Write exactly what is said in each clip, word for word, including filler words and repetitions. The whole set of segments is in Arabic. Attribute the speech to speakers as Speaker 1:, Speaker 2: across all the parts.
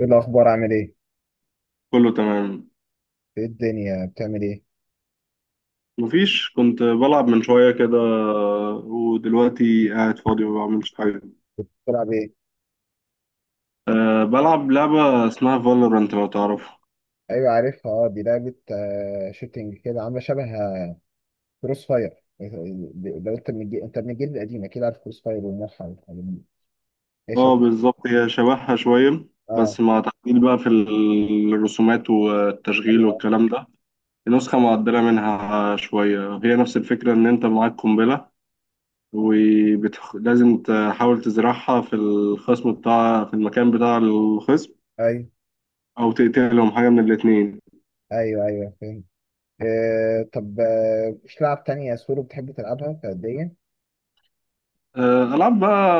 Speaker 1: ايه الاخبار؟ عامل ايه؟
Speaker 2: كله تمام.
Speaker 1: ايه الدنيا بتعمل ايه؟
Speaker 2: مفيش، كنت بلعب من شوية كده ودلوقتي قاعد فاضي ما بعملش حاجة.
Speaker 1: بتلعب ايه؟
Speaker 2: أه، بلعب لعبة اسمها فالورانت لو تعرفها.
Speaker 1: ايوه عارفها، اه دي لعبه آه شوتينج كده، عامله شبه كروس فاير. لو انت من الجيل، انت من الجيل القديم اكيد عارف كروس فاير والموحة والحاجات دي. ايه
Speaker 2: اه
Speaker 1: شبه؟
Speaker 2: بالظبط، هي شبهها شوية
Speaker 1: اه.
Speaker 2: بس مع تعديل بقى في الرسومات والتشغيل
Speaker 1: ايوه
Speaker 2: والكلام ده. نسخة معدلة منها شوية، هي نفس الفكرة إن أنت معاك قنبلة ولازم تحاول تزرعها في الخصم بتاع، في المكان بتاع الخصم،
Speaker 1: ايوه.
Speaker 2: أو تقتلهم، حاجة من الاتنين.
Speaker 1: ايوه ايوه فاهم. آه طب آه، مش لعب تانية سولو بتحب تلعبها فرديا؟
Speaker 2: آه، ألعاب بقى.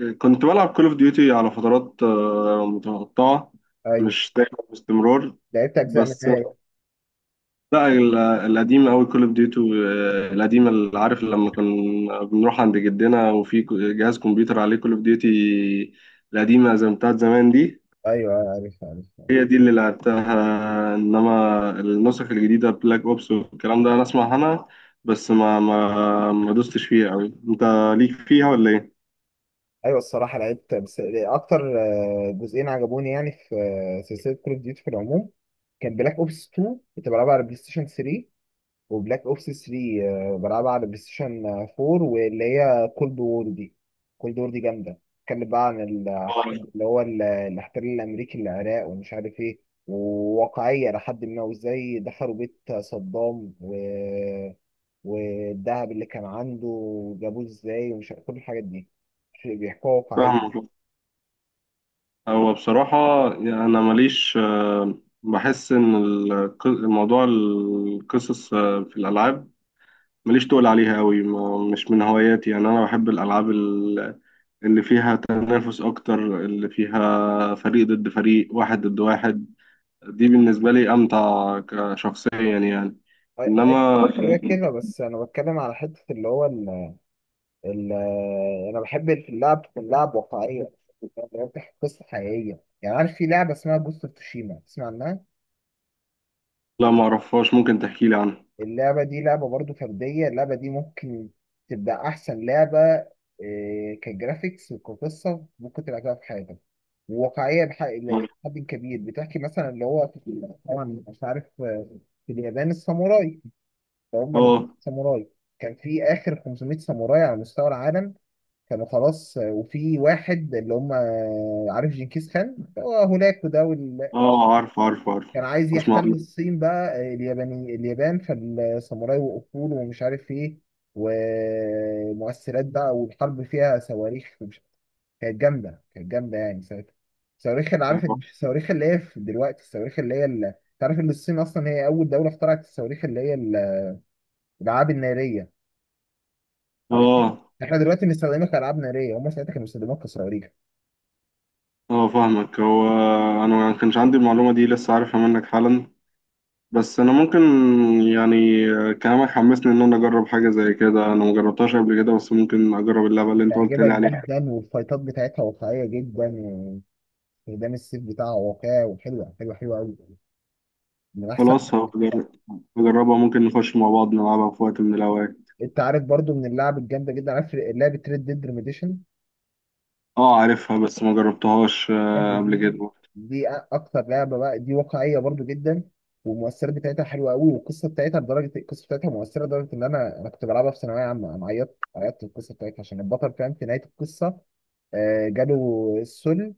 Speaker 2: آه، كنت بلعب كول اوف ديوتي على فترات آه، متقطعة،
Speaker 1: ايوه
Speaker 2: مش دايما باستمرار.
Speaker 1: لعبت اجزاء
Speaker 2: بس
Speaker 1: منها.
Speaker 2: لا، ال- القديم أوي كول اوف ديوتي القديمة، اللي عارف لما كنا بنروح عند جدنا وفي ك- جهاز كمبيوتر عليه كول اوف ديوتي القديمة زي بتاعت زمان دي.
Speaker 1: ايوه عارف عارف
Speaker 2: هي دي اللي لعبتها، إنما النسخ الجديدة بلاك أوبس والكلام ده أنا أسمع عنها بس ما ما ما دوستش فيها أوي. أنت ليك فيها ولا إيه؟
Speaker 1: ايوه الصراحه لعبت بس اكتر آه، جزئين عجبوني يعني في آه، سلسله كول اوف ديوتي في العموم. كان بلاك اوبس اتنين كنت بلعبها على بلاي ستيشن تلاتة، وبلاك اوبس تلاتة آه، بلعبها على بلاي ستيشن اربعة، واللي هي كولد وور دي. كولد وور دي جامده، اتكلم بقى عن ال- اللي هو ال- الاحتلال الامريكي للعراق ومش عارف ايه، وواقعيه لحد ما. وازاي دخلوا بيت صدام و... والذهب اللي كان عنده جابوه ازاي، ومش عارف كل الحاجات دي بيحكوها واقعية.
Speaker 2: فاهمك. هو بصراحة يعني أنا ماليش، آه، بحس إن الق- الموضوع، القصص آه، في الألعاب، ماليش تقول عليها أوي، ما- مش من هواياتي. يعني أنا بحب الألعاب ال- اللي فيها تنافس أكتر، اللي فيها فريق ضد فريق، واحد ضد واحد. دي بالنسبة لي أمتع كشخصيا يعني.
Speaker 1: أي أي.
Speaker 2: إنما
Speaker 1: كده كده. بس أنا بتكلم على حتة اللي هو ال ال أنا بحب في اللعب تكون لعب واقعية، اللي هو بتحكي قصة حقيقية. يعني عارف في لعبة اسمها جوست اوف تشيما، تسمع عنها؟
Speaker 2: لا، معرفهاش، ممكن تحكيلي عنها.
Speaker 1: اللعبة دي لعبة برضو فردية، اللعبة دي ممكن تبقى أحسن لعبة، إيه، كجرافيكس وكقصة ممكن تلعبها في حياتك. وواقعية بح- لحد كبير. بتحكي مثلا اللي هو طبعا مش عارف، آه، في اليابان الساموراي، فهم
Speaker 2: آه.
Speaker 1: ساموراي. كان في اخر خمسمائة ساموراي على مستوى العالم، كانوا خلاص. وفي واحد اللي هم، عارف جنكيز خان هو هناك وده وال-
Speaker 2: آه، عارف عارف عارف.
Speaker 1: كان عايز
Speaker 2: أسمع
Speaker 1: يحتل
Speaker 2: عنها.
Speaker 1: الصين بقى، الياباني اليابان فالساموراي وقفوا له ومش عارف ايه. ومؤثرات بقى، والحرب فيها صواريخ ومش- كانت جامده، كانت جامده يعني ساعتها. الصواريخ اللي عارف، مش الصواريخ اللي هي في دلوقتي، الصواريخ اللي هي اللي، تعرف ان الصين اصلا هي اول دوله اخترعت الصواريخ اللي هي الالعاب الناريه، عارف.
Speaker 2: آه.
Speaker 1: احنا دلوقتي بنستخدمها كألعاب نارية، هم ساعتها كانوا بيستخدموها كصواريخ.
Speaker 2: اه فاهمك. هو انا ما كانش عندي المعلومه دي، لسه عارفها منك حالا. بس انا ممكن، يعني كلامك حمسني ان انا اجرب حاجه زي كده. انا ما جربتهاش قبل كده بس ممكن اجرب اللعبه اللي انت قلت
Speaker 1: هتعجبك
Speaker 2: لي عليها.
Speaker 1: جدا، والفايتات بتاعتها واقعية جدا، واستخدام السيف بتاعها واقعي، وحلوة حلوة حلوة أوي، من أحسن.
Speaker 2: خلاص هجرب- هجربها، ممكن نخش مع بعض نلعبها في وقت من الاوقات.
Speaker 1: أنت عارف برضو من اللعب الجامدة جدا، عارف لعبة ريد ديد ريميديشن؟
Speaker 2: اه عارفها بس ما جربتهاش
Speaker 1: اللعبة
Speaker 2: آه، قبل
Speaker 1: دي،
Speaker 2: كده.
Speaker 1: دي أكتر لعبة بقى، دي واقعية برضو جدا، والمؤثرات بتاعتها حلوة أوي، والقصة بتاعتها، لدرجة القصة بتاعتها مؤثرة لدرجة إن أنا أنا كنت بلعبها في ثانوية عامة، أنا عيطت عيطت في القصة بتاعتها، عشان البطل فاهم، في نهاية القصة آه، جاله السل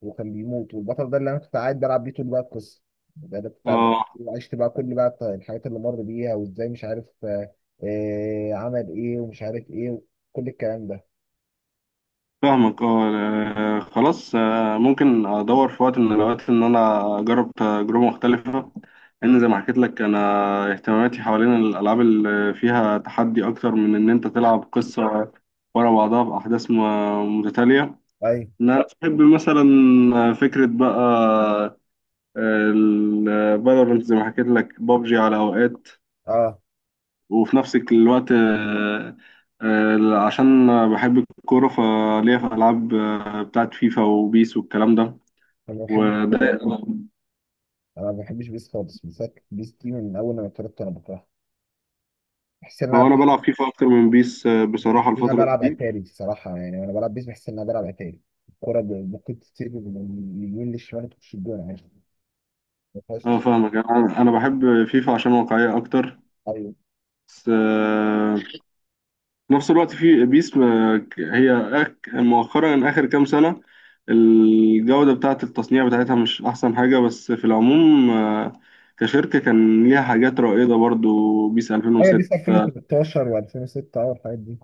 Speaker 1: وكان بيموت. والبطل ده اللي انا كنت قاعد بلعب بيه طول بقى القصه، ده انا كنت قاعد بلعب
Speaker 2: اه
Speaker 1: بيه، وعشت بقى كل بقى الط- الحاجات اللي مر بيها، وازاي مش عارف آه آه، عمل ايه ومش عارف ايه، كل الكلام ده.
Speaker 2: فاهمك اه. آه، خلاص، آه، ممكن ادور في وقت من الاوقات ان انا اجرب تجربه مختلفه، لان زي ما حكيت لك انا اهتماماتي حوالين الالعاب اللي فيها تحدي اكتر من ان انت تلعب قصه ورا بعضها باحداث م- متتاليه.
Speaker 1: اي.
Speaker 2: انا بحب مثلا، فكره بقى الفالورنت زي ما حكيت لك، بابجي على اوقات.
Speaker 1: اه.
Speaker 2: وفي نفس الوقت، آه، آه، عشان بحب الكورة، فليا في ألعاب آه، بتاعت فيفا وبيس والكلام ده
Speaker 1: انا ما بحب
Speaker 2: وده.
Speaker 1: انا ما بحبش بيس خالص. بيس، بيس دي من اول ما اتولدت انا بكرهها. بحس ان انا
Speaker 2: هو أنا
Speaker 1: بح-
Speaker 2: بلعب فيفا أكتر من بيس آه،
Speaker 1: بحس
Speaker 2: بصراحة
Speaker 1: ان انا
Speaker 2: الفترة
Speaker 1: بلعب
Speaker 2: دي.
Speaker 1: اتاري الصراحه، يعني وانا بلعب بيس بحس ان انا بلعب اتاري. الكوره ب- ممكن تسيب من اليمين للشمال تخش الجون عادي، ما
Speaker 2: أه
Speaker 1: فيهاش.
Speaker 2: فاهمك. أنا أنا بحب فيفا عشان واقعية أكتر.
Speaker 1: ايوه.
Speaker 2: بس آه، في نفس الوقت في بيس، آه، ك- هي أك- مؤخرا آخر كام سنة الجودة بتاعة التصنيع بتاعتها مش أحسن حاجة. بس في العموم آه، كشركة كان ليها حاجات رائدة برضو، بيس
Speaker 1: ايوه، بيس
Speaker 2: ألفين وستة،
Speaker 1: الفين وتلتاشر و2006، اه الحاجات دي.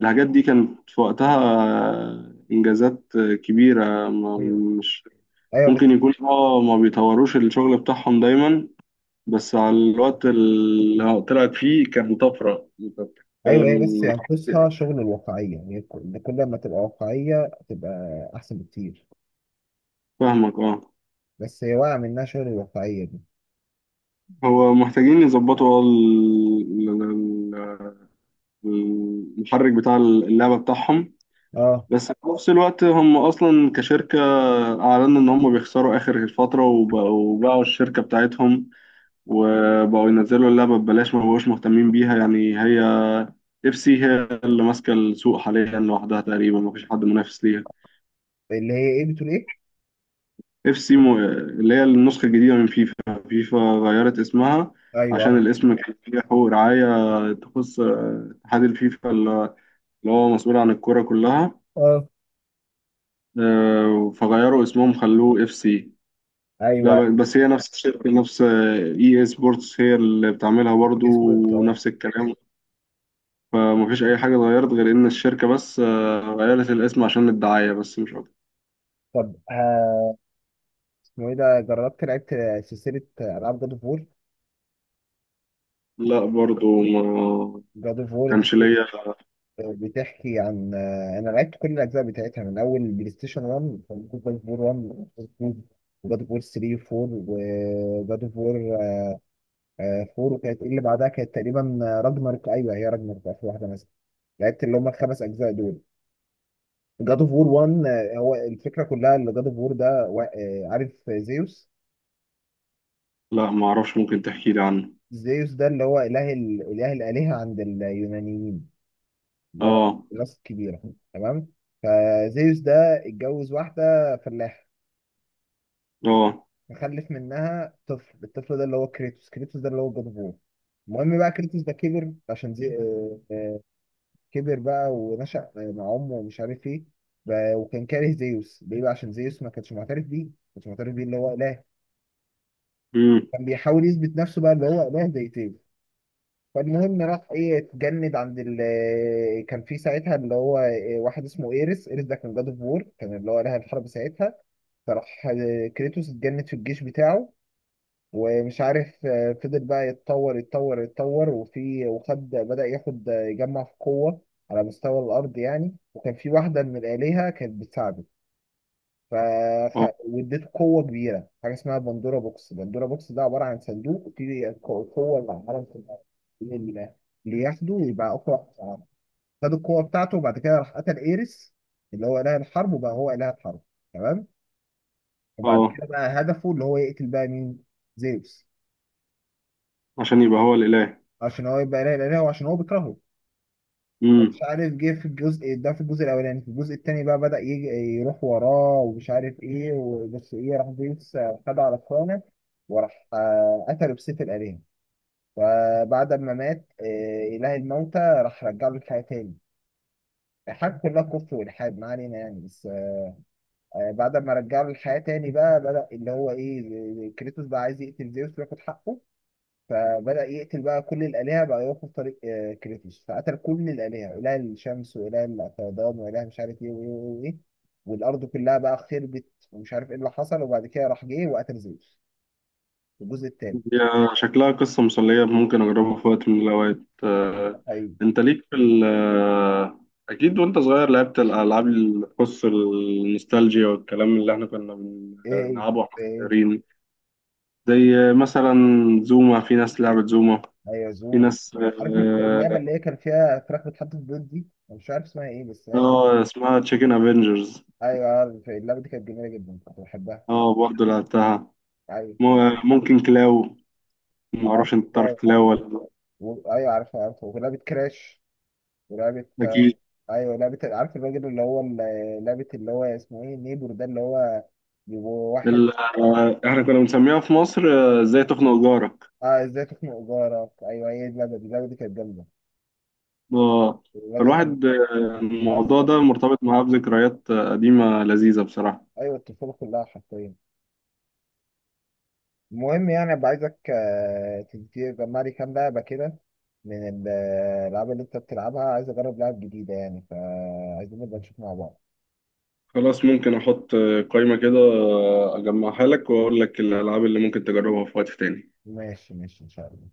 Speaker 2: الحاجات دي كانت في وقتها آه، إنجازات آه، كبيرة. ما-
Speaker 1: ايوه.
Speaker 2: مش
Speaker 1: ايوه.
Speaker 2: ممكن يكون اه ما بيطوروش الشغل بتاعهم دايما، بس على الوقت اللي طلعت فيه كان طفرة أنت
Speaker 1: ايوه، هي بس
Speaker 2: بتتكلم.
Speaker 1: ينقصها شغل الواقعيه، يعني كل كل ما تبقى واقعيه تبقى احسن بكتير.
Speaker 2: فاهمك اه.
Speaker 1: بس هي واقعه، منها شغل الواقعيه دي.
Speaker 2: هو محتاجين يظبطوا ال- ال- ال- المحرك بتاع اللعبة بتاعهم.
Speaker 1: اه.
Speaker 2: بس في نفس الوقت هم أصلا كشركة أعلنوا إن هم بيخسروا آخر الفترة وبقوا باعوا الشركة بتاعتهم وبقوا ينزلوا اللعبة ببلاش، ما بقوش مهتمين بيها يعني. هي إف سي هي اللي ماسكة السوق حاليا لوحدها تقريبا، مفيش حد منافس ليها.
Speaker 1: اللي هي ايه، بتقول ايه؟
Speaker 2: اف سي مو، اللي هي النسخة الجديدة من فيفا. فيفا غيرت اسمها
Speaker 1: ايوه،
Speaker 2: عشان
Speaker 1: اه،
Speaker 2: الاسم كان فيه حقوق رعاية تخص آه، اتحاد الفيفا اللي هو مسؤول عن الكرة كلها.
Speaker 1: آه،
Speaker 2: آه، فغيروا اسمهم خلوه اف سي. لا،
Speaker 1: ايوه.
Speaker 2: ب- بس هي نفس الشركة، نفس آه، اي اي سبورتس هي اللي بتعملها برضو،
Speaker 1: اصبرت، اه.
Speaker 2: ونفس الكلام. فمفيش أي حاجة اتغيرت غير إن الشركة بس آه، غيرت الاسم عشان الدعاية بس، مش أكتر.
Speaker 1: طب، ها- اسمه ايه ده؟ جربت لعبت سلسله العاب جاد اوف وور؟
Speaker 2: لا برضو ما
Speaker 1: جاد اوف وور دي
Speaker 2: كانش ليا.
Speaker 1: آه، بتحكي عن، آه، انا لعبت كل الاجزاء بتاعتها من اول بلاي ستيشن واحد، جاد اوف وور واحد، جاد اوف وور تلاتة و4، وجاد اوف وور آه، فور. وكانت ايه اللي بعدها؟ كانت تقريبا آه، راجناروك. ايوه هي راجناروك في اخر واحده مثلا. لعبت اللي هم الخمس اجزاء دول. جاد اوف وور واحد، آه، هو الفكره كلها اللي جاد اوف وور ده وا- آه، عارف زيوس؟
Speaker 2: لا ما أعرفش، ممكن تحكي لي عنه.
Speaker 1: زيوس ده اللي هو اله ال- اله الالهه عند اليونانيين، اللي هو
Speaker 2: اه.
Speaker 1: الناس الكبيره. تمام. فزيوس ده اتجوز واحده فلاحه،
Speaker 2: اه.
Speaker 1: فخلف منها طفل. الطفل ده اللي هو كريتوس. كريتوس ده اللي هو جاد اوف وور. المهم بقى، كريتوس ده كبر عشان زي... آه، آه، كبر بقى ونشأ مع امه ومش عارف ايه. ب- وكان كاره زيوس ليه بقى؟ عشان زيوس ما كانش معترف بيه، ما كانش معترف بيه اللي هو اله.
Speaker 2: امم.
Speaker 1: كان بيحاول يثبت نفسه بقى اللي هو اله زي زيوس. فالمهم راح ايه، اتجند عند ال آه، كان في ساعتها اللي هو إيه، واحد اسمه ايرس. ايرس ده كان جاد اوف وور، كان اللي هو اله الحرب ساعتها. فراح آه، كريتوس اتجند في الجيش بتاعه، ومش عارف آه، فضل بقى يتطور يتطور يتطور وفي وخد بدأ ياخد، آه، يجمع في قوة على مستوى الأرض يعني. وكان في واحدة من الآلهة كانت بتساعده، ف
Speaker 2: اه.
Speaker 1: واديته قوة كبيرة، حاجة اسمها بندورا بوكس. بندورا بوكس ده عبارة عن صندوق فيه القوة اللي على العالم كلها، اللي اللي ياخده ويبقى أقوى واحد في العالم. خد القوة بتاعته، وبعد كده راح قتل إيريس اللي هو إله الحرب، وبقى هو إله الحرب. تمام. وبعد
Speaker 2: اه،
Speaker 1: كده بقى هدفه اللي هو يقتل بقى مين؟ زيوس.
Speaker 2: عشان يبقى هو الإله.
Speaker 1: عشان هو يبقى لا اله، وعشان هو عشان هو بيكرهه. مش
Speaker 2: امم.
Speaker 1: عارف، جه في الجزء ده، في الجزء الاولاني، في الجزء التاني بقى بدأ يجي يروح وراه ومش عارف ايه. وبس ايه، راح زيوس خد على اخوانه، وراح آه، قتله بسيف الآلهة. فبعد ما مات آه، إله الموتى راح رجع له الحياة تاني. الحاجة كلها كفر والحاد، ما علينا يعني. بس آه، بعد ما رجع له الحياة تاني، بقى بدأ اللي هو ايه، كريتوس بقى عايز يقتل زيوس وياخد حقه. فبدأ يقتل بقى كل الآلهة بقى، يوقف طريق آه، كريتوس فقتل كل الآلهة، إله الشمس وإله الفيضان وإله مش عارف إيه وإيه وإيه وإيه. والأرض كلها بقى خربت، ومش عارف إيه اللي حصل. وبعد كده راح جه وقتل زيوس في الجزء التاني.
Speaker 2: هي شكلها قصة مسلية، ممكن أجربها في وقت من الأوقات
Speaker 1: أيوه.
Speaker 2: آه.
Speaker 1: أيوه.
Speaker 2: أنت ليك في ال آه، أكيد، وأنت صغير لعبت الألعاب اللي تخص النوستالجيا والكلام اللي إحنا كنا
Speaker 1: إيه إيه.
Speaker 2: بنلعبه وإحنا
Speaker 1: إيه.
Speaker 2: صغيرين. زي مثلا زوما، في ناس لعبت زوما،
Speaker 1: أيوه
Speaker 2: في
Speaker 1: زوم.
Speaker 2: ناس
Speaker 1: عارف اللعبة
Speaker 2: آه،
Speaker 1: اللي هي كان فيها فراخ بتحط في البيض دي؟ أنا مش عارف اسمها إيه بس يعني.
Speaker 2: آه، اسمها تشيكن افنجرز.
Speaker 1: أيوه عارف اللعبة دي، كانت جميلة جدا كنت بحبها.
Speaker 2: اه برضه لعبتها.
Speaker 1: أيوه.
Speaker 2: م- ممكن كلاو، معرفش انت تعرف
Speaker 1: عارف.
Speaker 2: كلاو ولا لأ.
Speaker 1: و- أيوه عارفها عارفها. ولعبة كراش، ولعبة،
Speaker 2: اكيد.
Speaker 1: ايوه لعبه، عارف الراجل اللي هو ال- لعبه اللي هو اسمه ايه، نيبور ده، اللي هو بيبقوا واحد.
Speaker 2: ال- آه، احنا كنا بنسميها في مصر آه، ازاي تخنق جارك.
Speaker 1: اه ازاي تخنق جارك، ايوه هي دي اللعبه، دي اللعبه دي كانت جامده.
Speaker 2: آه،
Speaker 1: الراجل لما
Speaker 2: فالواحد، آه، الموضوع
Speaker 1: بيتعصب.
Speaker 2: ده مرتبط معاه بذكريات آه، قديمة لذيذة بصراحة.
Speaker 1: ايوه الطفوله كلها حرفيا. المهم يعني، ابقى عايزك آه، تدي- تجمع لي كام لعبه كده من ال- الالعاب اللي انت بتلعبها. عايز اجرب لعب جديده يعني، فعايزين نبقى نشوف مع بعض.
Speaker 2: خلاص، ممكن احط آه، قائمة كده، آه، اجمعها لك واقول لك الالعاب اللي ممكن تجربها في وقت تاني.
Speaker 1: ماشي ماشي ان شاء الله.